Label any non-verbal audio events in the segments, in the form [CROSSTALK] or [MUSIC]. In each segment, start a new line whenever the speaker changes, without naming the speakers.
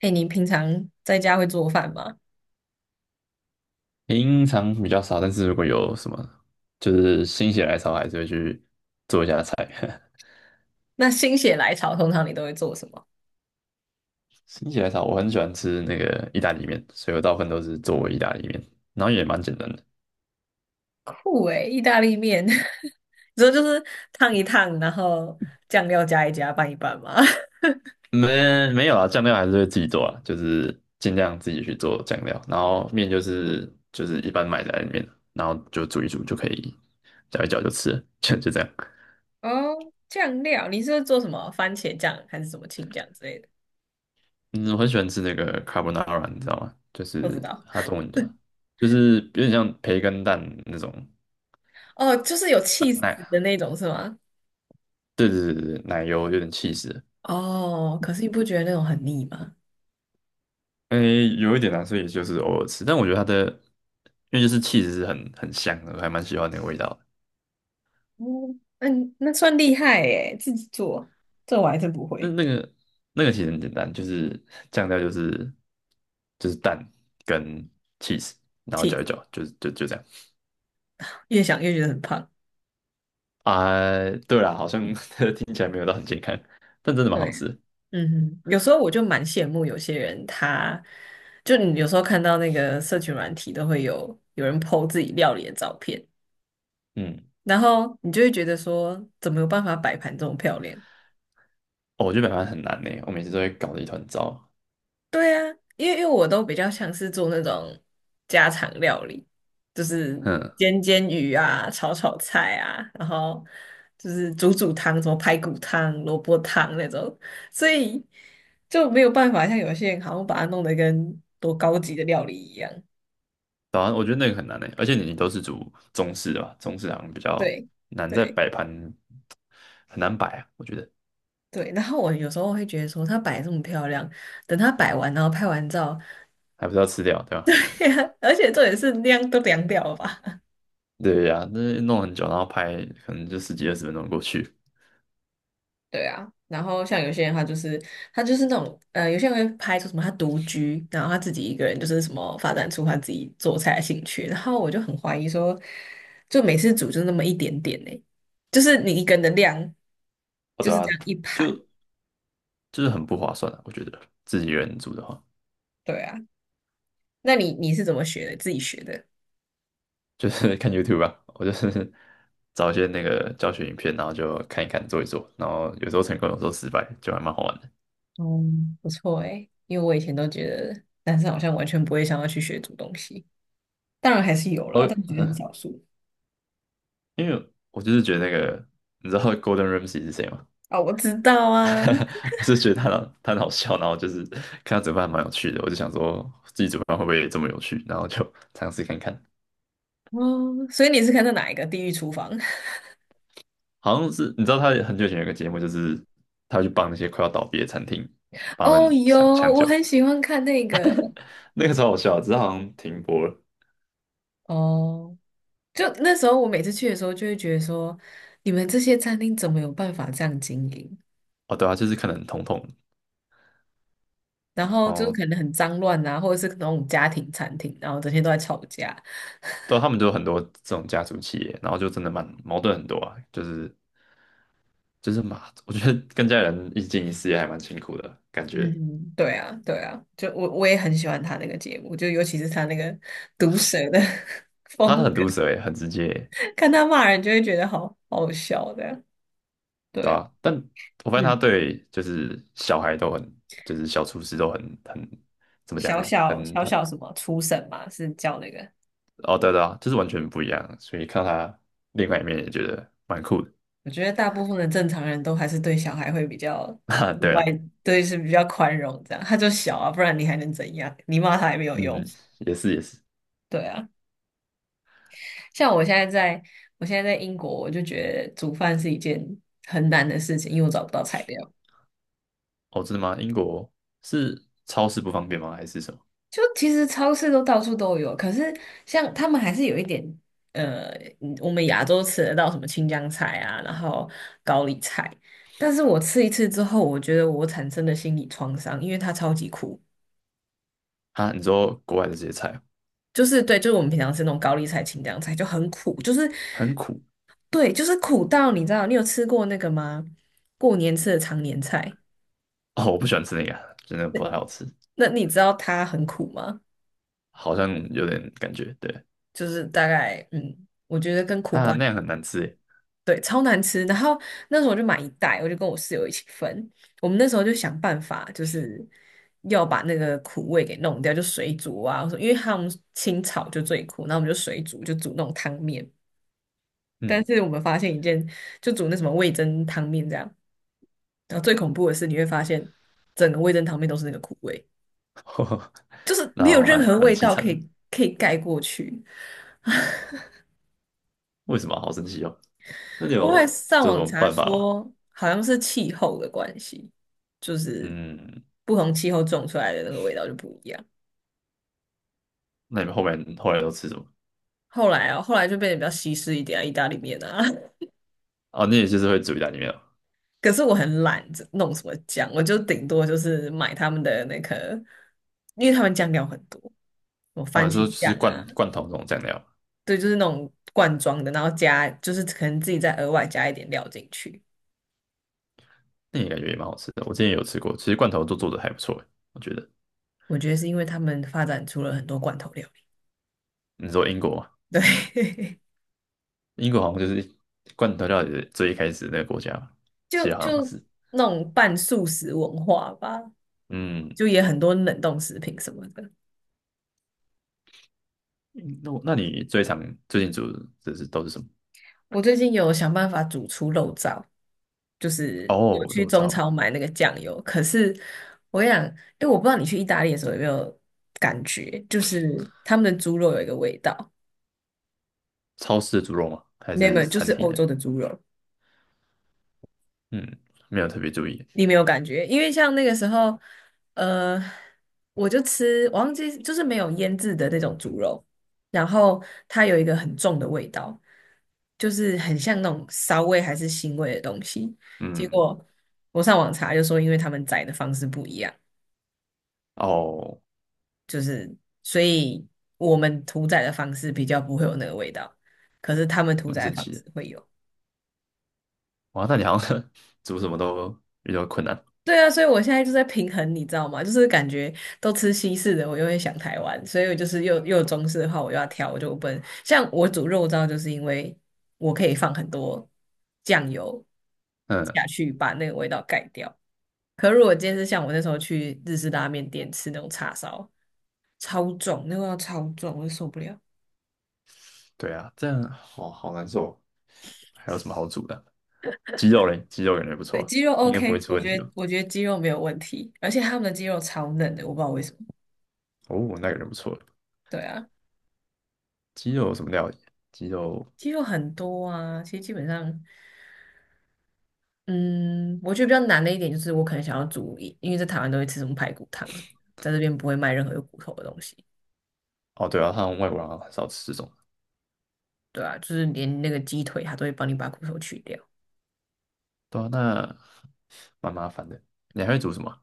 哎，你平常在家会做饭吗？
平常比较少，但是如果有什么就是心血来潮，还是会去做一下菜。[LAUGHS]
那心血来潮，通常你都会做什么？
心血来潮，我很喜欢吃那个意大利面，所以我大部分都是做意大利面，然后也蛮简单的。
酷诶，意大利面，[LAUGHS] 你说就是烫一烫，然后酱料加一加，拌一拌吗？
没有啊，酱料还是会自己做啊，就是尽量自己去做酱料，然后面就是一般买在里面，然后就煮一煮就可以，搅一搅就吃了 [LAUGHS] 就这样。
[LAUGHS] 哦，酱料，你是做什么番茄酱还是什么青酱之类的？
嗯，我很喜欢吃那个 carbonara，你知道吗？就
不知
是
道。
它中文叫。就是有点像培根蛋那种
哦，就是有气
呃
死
奶，
的那种是吗？
对对对对，奶油有点气 h e e
哦，可是你不觉得那种很腻吗？
诶，有一点难，所以也就是偶尔吃。但我觉得它的，因为就是气 h 是很香的，我还蛮喜欢那个味道的。
嗯，嗯，那算厉害诶，自己做，这我还真不
那
会。
那个那个其实很简单，就是酱料就是蛋跟 cheese，然后
气
搅
死
一搅，就这样。
越想越觉得很胖。
啊、对啦，好像 [LAUGHS] 听起来没有到很健康，但真的蛮好
对。
吃的。
嗯哼，有时候我就蛮羡慕有些人他，就你有时候看到那个社群软体都会有人 po 自己料理的照片，
嗯，
然后你就会觉得说，怎么有办法摆盘这么漂亮？
哦，我觉得北方很难呢，我每次都会搞得一团糟。
对啊，因为我都比较像是做那种家常料理，就是
嗯，
煎煎鱼啊、炒炒菜啊，然后就是煮煮汤，什么排骨汤、萝卜汤那种，所以就没有办法像有些人好像把它弄得跟多高级的料理一样。
早安，我觉得那个很难诶，而且你都是煮中式的吧，中式好像比较
对
难在
对
摆盘，很难摆啊，我觉得
对，然后我有时候会觉得说，她摆得这么漂亮，等她摆完，然后拍完照，
还不是要吃掉，对吧？
[LAUGHS] 而且重点是量都凉掉了吧？
[LAUGHS] 对呀、那弄很久，然后拍可能就十几20分钟过去，
对啊，然后像有些人他就是他就是那种呃，有些人会拍出什么他独居，然后他自己一个人就是什么发展出他自己做菜的兴趣，然后我就很怀疑说，就每次煮就那么一点点呢、就是你一个人的量
哦，
就
对
是这
啊，
样一盘，
就就是很不划算啊，我觉得自己一个人煮的话，
对啊，那你你是怎么学的？自己学的？
就是 [LAUGHS] 看 YouTube 吧，我就是 [LAUGHS] 找一些那个教学影片，然后就看一看做一做，然后有时候成功，有时候失败，就还蛮好玩的。
哦，不错诶，因为我以前都觉得男生好像完全不会想要去学煮东西，当然还是有啦，
哦，
但我觉得很少数。
因为我就是觉得那个，你知道 Golden Ramsy 是谁吗？
啊、我知道啊，
[LAUGHS] 我是觉得他很好笑，然后就是看他煮饭还蛮有趣的，我就想说自己煮饭会不会这么有趣，然后就 [LAUGHS] 尝试看看。
哦，所以你是看的哪一个《地狱厨房》？
好像是你知道他很久以前有个节目，就是他会去帮那些快要倒闭的餐厅
[LAUGHS]
帮他
哦，
们
有，
抢抢
我
救，
很喜欢看那个。
那个时候好笑啊，只是好像停播了。
哦，就那时候我每次去的时候，就会觉得说，你们这些餐厅怎么有办法这样经营？
哦，对啊，就是可能统统，
然
然
后就是
后
可能很脏乱啊，或者是那种家庭餐厅，然后整天都在吵架，
对啊他们就有很多这种家族企业，然后就真的蛮矛盾很多啊，就是嘛，我觉得跟家人一起经营事业还蛮辛苦的感觉，
嗯，对啊，对啊，就我也很喜欢他那个节目，就尤其是他那个毒舌的 [LAUGHS]
他
风
很
格，
毒舌欸，很直接欸。
看他骂人就会觉得好好笑的。对
对
啊，
啊，但我发现他
嗯，
对就是小孩都很，就是小厨师都很很怎么讲
小
呢？
小小小什么初审嘛，是叫那个。
哦，对对啊，就是完全不一样，所以看他另外一面也觉得蛮酷的。
我觉得大部分的正常人都还是对小孩会比较
[LAUGHS] 哈
意
对
外，
啊，
对是比较宽容这样。他就小啊，不然你还能怎样？你骂他也没有用。
嗯，也是也是。
对啊，像我现在在，我现在在英国，我就觉得煮饭是一件很难的事情，因为我找不到材料。
哦，真的吗？英国是超市不方便吗？还是什么？
就其实超市都到处都有，可是像他们还是有一点，呃，嗯我们亚洲吃得到什么青江菜啊，然后高丽菜，但是我吃一次之后，我觉得我产生的心理创伤，因为它超级苦，
啊，你说国外的这些菜
就是对，就是我们平常吃那种高丽菜、青江菜就很苦，就是
很苦。
对，就是苦到你知道，你有吃过那个吗？过年吃的常年菜，
哦，我不喜欢吃那个啊，真的不太好吃，
那你知道它很苦吗？
好像有点感觉，对，
就是大概，嗯，我觉得跟苦
啊，
瓜。
那样很难吃耶，
对，超难吃。然后那时候我就买一袋，我就跟我室友一起分。我们那时候就想办法，就是要把那个苦味给弄掉，就水煮啊。我说，因为他们清炒就最苦，然后我们就水煮，就煮那种汤面。但
嗯，
是我们发现一件，就煮那什么味噌汤面这样。然后最恐怖的是，你会发现整个味噌汤面都是那个苦味，
[LAUGHS]
就是
然
没有
后
任
蛮
何
蛮
味
凄
道
惨
可
的，
以可以盖过去。
为什么？好生气哦。那你
我会
有
上
这有什
网
么
查
办法吗？
说，好像是气候的关系，就是
嗯，
不同气候种出来的那个味道就不一样。
那你们后面后来都吃什么？
后来啊，后来就变得比较西式一点啊，意大利面啊。
哦，你也就是会煮意大利面哦。
[LAUGHS] 可是我很懒，这弄什么酱，我就顶多就是买他们的那个，因为他们酱料很多，什么
哦，
番
你说
茄酱
吃罐
啊，
罐头这种酱料，
对，就是那种罐装的，然后加就是可能自己再额外加一点料进去。
那也感觉也蛮好吃的。我之前也有吃过，其实罐头都做的还不错欸，我觉得。
我觉得是因为他们发展出了很多罐头料
你说英国嘛，
理，对。[LAUGHS]
英国好像就是罐头料理的最一开始那个国家嘛，
就
其实好像
就
是。
那种半素食文化吧，
嗯，
就也很多冷冻食品什么的。
那你最常最近煮的都是什么？
我最近有想办法煮出肉燥，就是
哦，
我
我
去
说我知道
中
欸，
超买那个酱油。可是我想，因为我不知道你去意大利的时候有没有感觉，就是他们的猪肉有一个味道，
超市的猪肉吗？还
你有没
是
有？就
餐
是
厅
欧洲
的？
的猪肉，
嗯，没有特别注意。
你没有感觉，因为像那个时候，呃，我就吃，我忘记就是没有腌制的那种猪肉，然后它有一个很重的味道，就是很像那种骚味还是腥味的东西。结
嗯，
果我上网查就说，因为他们宰的方式不一样，
哦，
就是所以我们屠宰的方式比较不会有那个味道，可是他们屠
蛮
宰的
神
方
奇
式
的。
会有。
哇，那你好像 [LAUGHS] 煮什么都比较困难。
对啊，所以我现在就在平衡，你知道吗？就是感觉都吃西式的，我又会想台湾，所以我就是又有中式的话，我又要挑，我就不能像我煮肉燥，就是因为我可以放很多酱油
嗯，
下去，把那个味道盖掉。可如果今天是像我那时候去日式拉面店吃那种叉烧，超重，那个味道超重，我就受不了。
对啊，这样好好难受。还有什么好煮的？鸡肉嘞，鸡肉感觉不
对，
错，
鸡肉
应该不会
OK，
出
我
问题
觉
吧？
得我觉得鸡肉没有问题，而且他们的鸡肉超嫩的，我不知道为什么。
哦，那感觉不错。
对啊，
鸡肉有什么料理？鸡肉。
鸡肉很多啊，其实基本上。嗯，我觉得比较难的一点就是，我可能想要煮一因为在台湾都会吃什么排骨汤什么的在这边不会卖任何有骨头的东西，
哦，对啊，他们外国人好像很少吃这种。
对啊，就是连那个鸡腿，它都会帮你把骨头去掉。
对啊，那蛮麻烦的。你还会煮什么？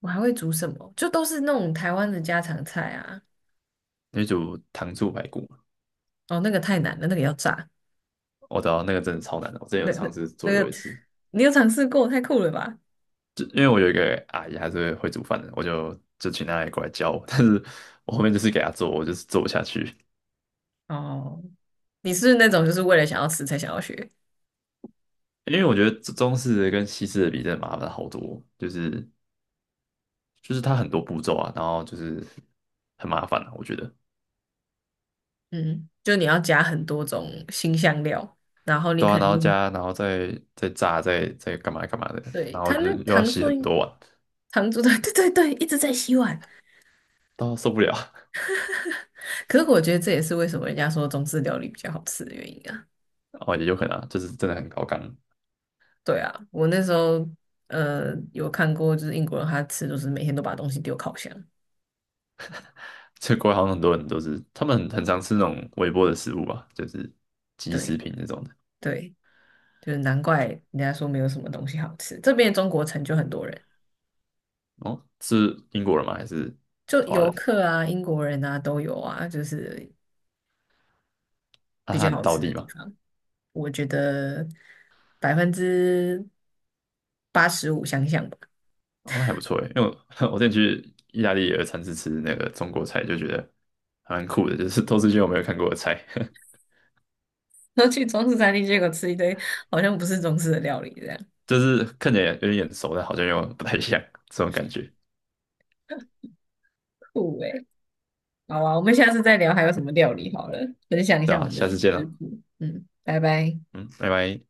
我还会煮什么？就都是那种台湾的家常菜啊。
你会煮糖醋排骨吗？
哦，那个太难了，那个要炸，
我知道那个真的超难的，我之前
那
有
那
尝试
那
做有
个
一次，
你有尝试过？太酷了吧？
就因为我有一个阿姨，还是会煮饭的，我就请她来过来教我，但是我后面就是给她做，我就是做不下去，
哦，你是那种就是为了想要吃才想要学？
因为我觉得中式的跟西式的比，真的麻烦好多，就是它很多步骤啊，然后就是很麻烦啊，我觉得。
嗯，就你要加很多种新香料，然后你
对啊，
可
然
能
后
用
加，然后再炸，再干嘛干嘛的，
对
然后
它
就
那
又要
糖
洗很
醋。
多碗，
糖醋的，[LAUGHS] 对对对，一直在洗碗。
到受不了。
可是我觉得这也是为什么人家说中式料理比较好吃的原因啊。
[LAUGHS] 哦，也有可能啊，就是真的很高纲。
对啊，我那时候呃有看过，就是英国人他吃就是每天都把东西丢烤箱。
这国外好像很多人都是，他们很常吃那种微波的食物吧，就是即食
对
品那种的。
对，就是难怪人家说没有什么东西好吃。这边中国城就很多人，
哦，是英国人吗？还是
就
华
游
人？
客啊、英国人啊都有啊，就是
啊，
比
他
较
很
好
道
吃的
地
地
嘛。
方。我觉得85%相像吧。
哦，那还不错诶，因为我 [LAUGHS] 我之前去意大利也有尝试吃那个中国菜，就觉得还蛮酷的，就是 [LAUGHS] 都是一些我没有看过的菜，
[LAUGHS] 然后去中式餐厅，结果吃一堆好像不是中式的料理，这样
[LAUGHS] 就是看起来有点眼熟，但好像又不太像这种感觉，
酷诶、好啊，我们下次再聊还有什么料理好了，分享一
对
下我
啊，
们的
下次见
食
了，
谱。嗯，拜拜。
嗯，拜拜。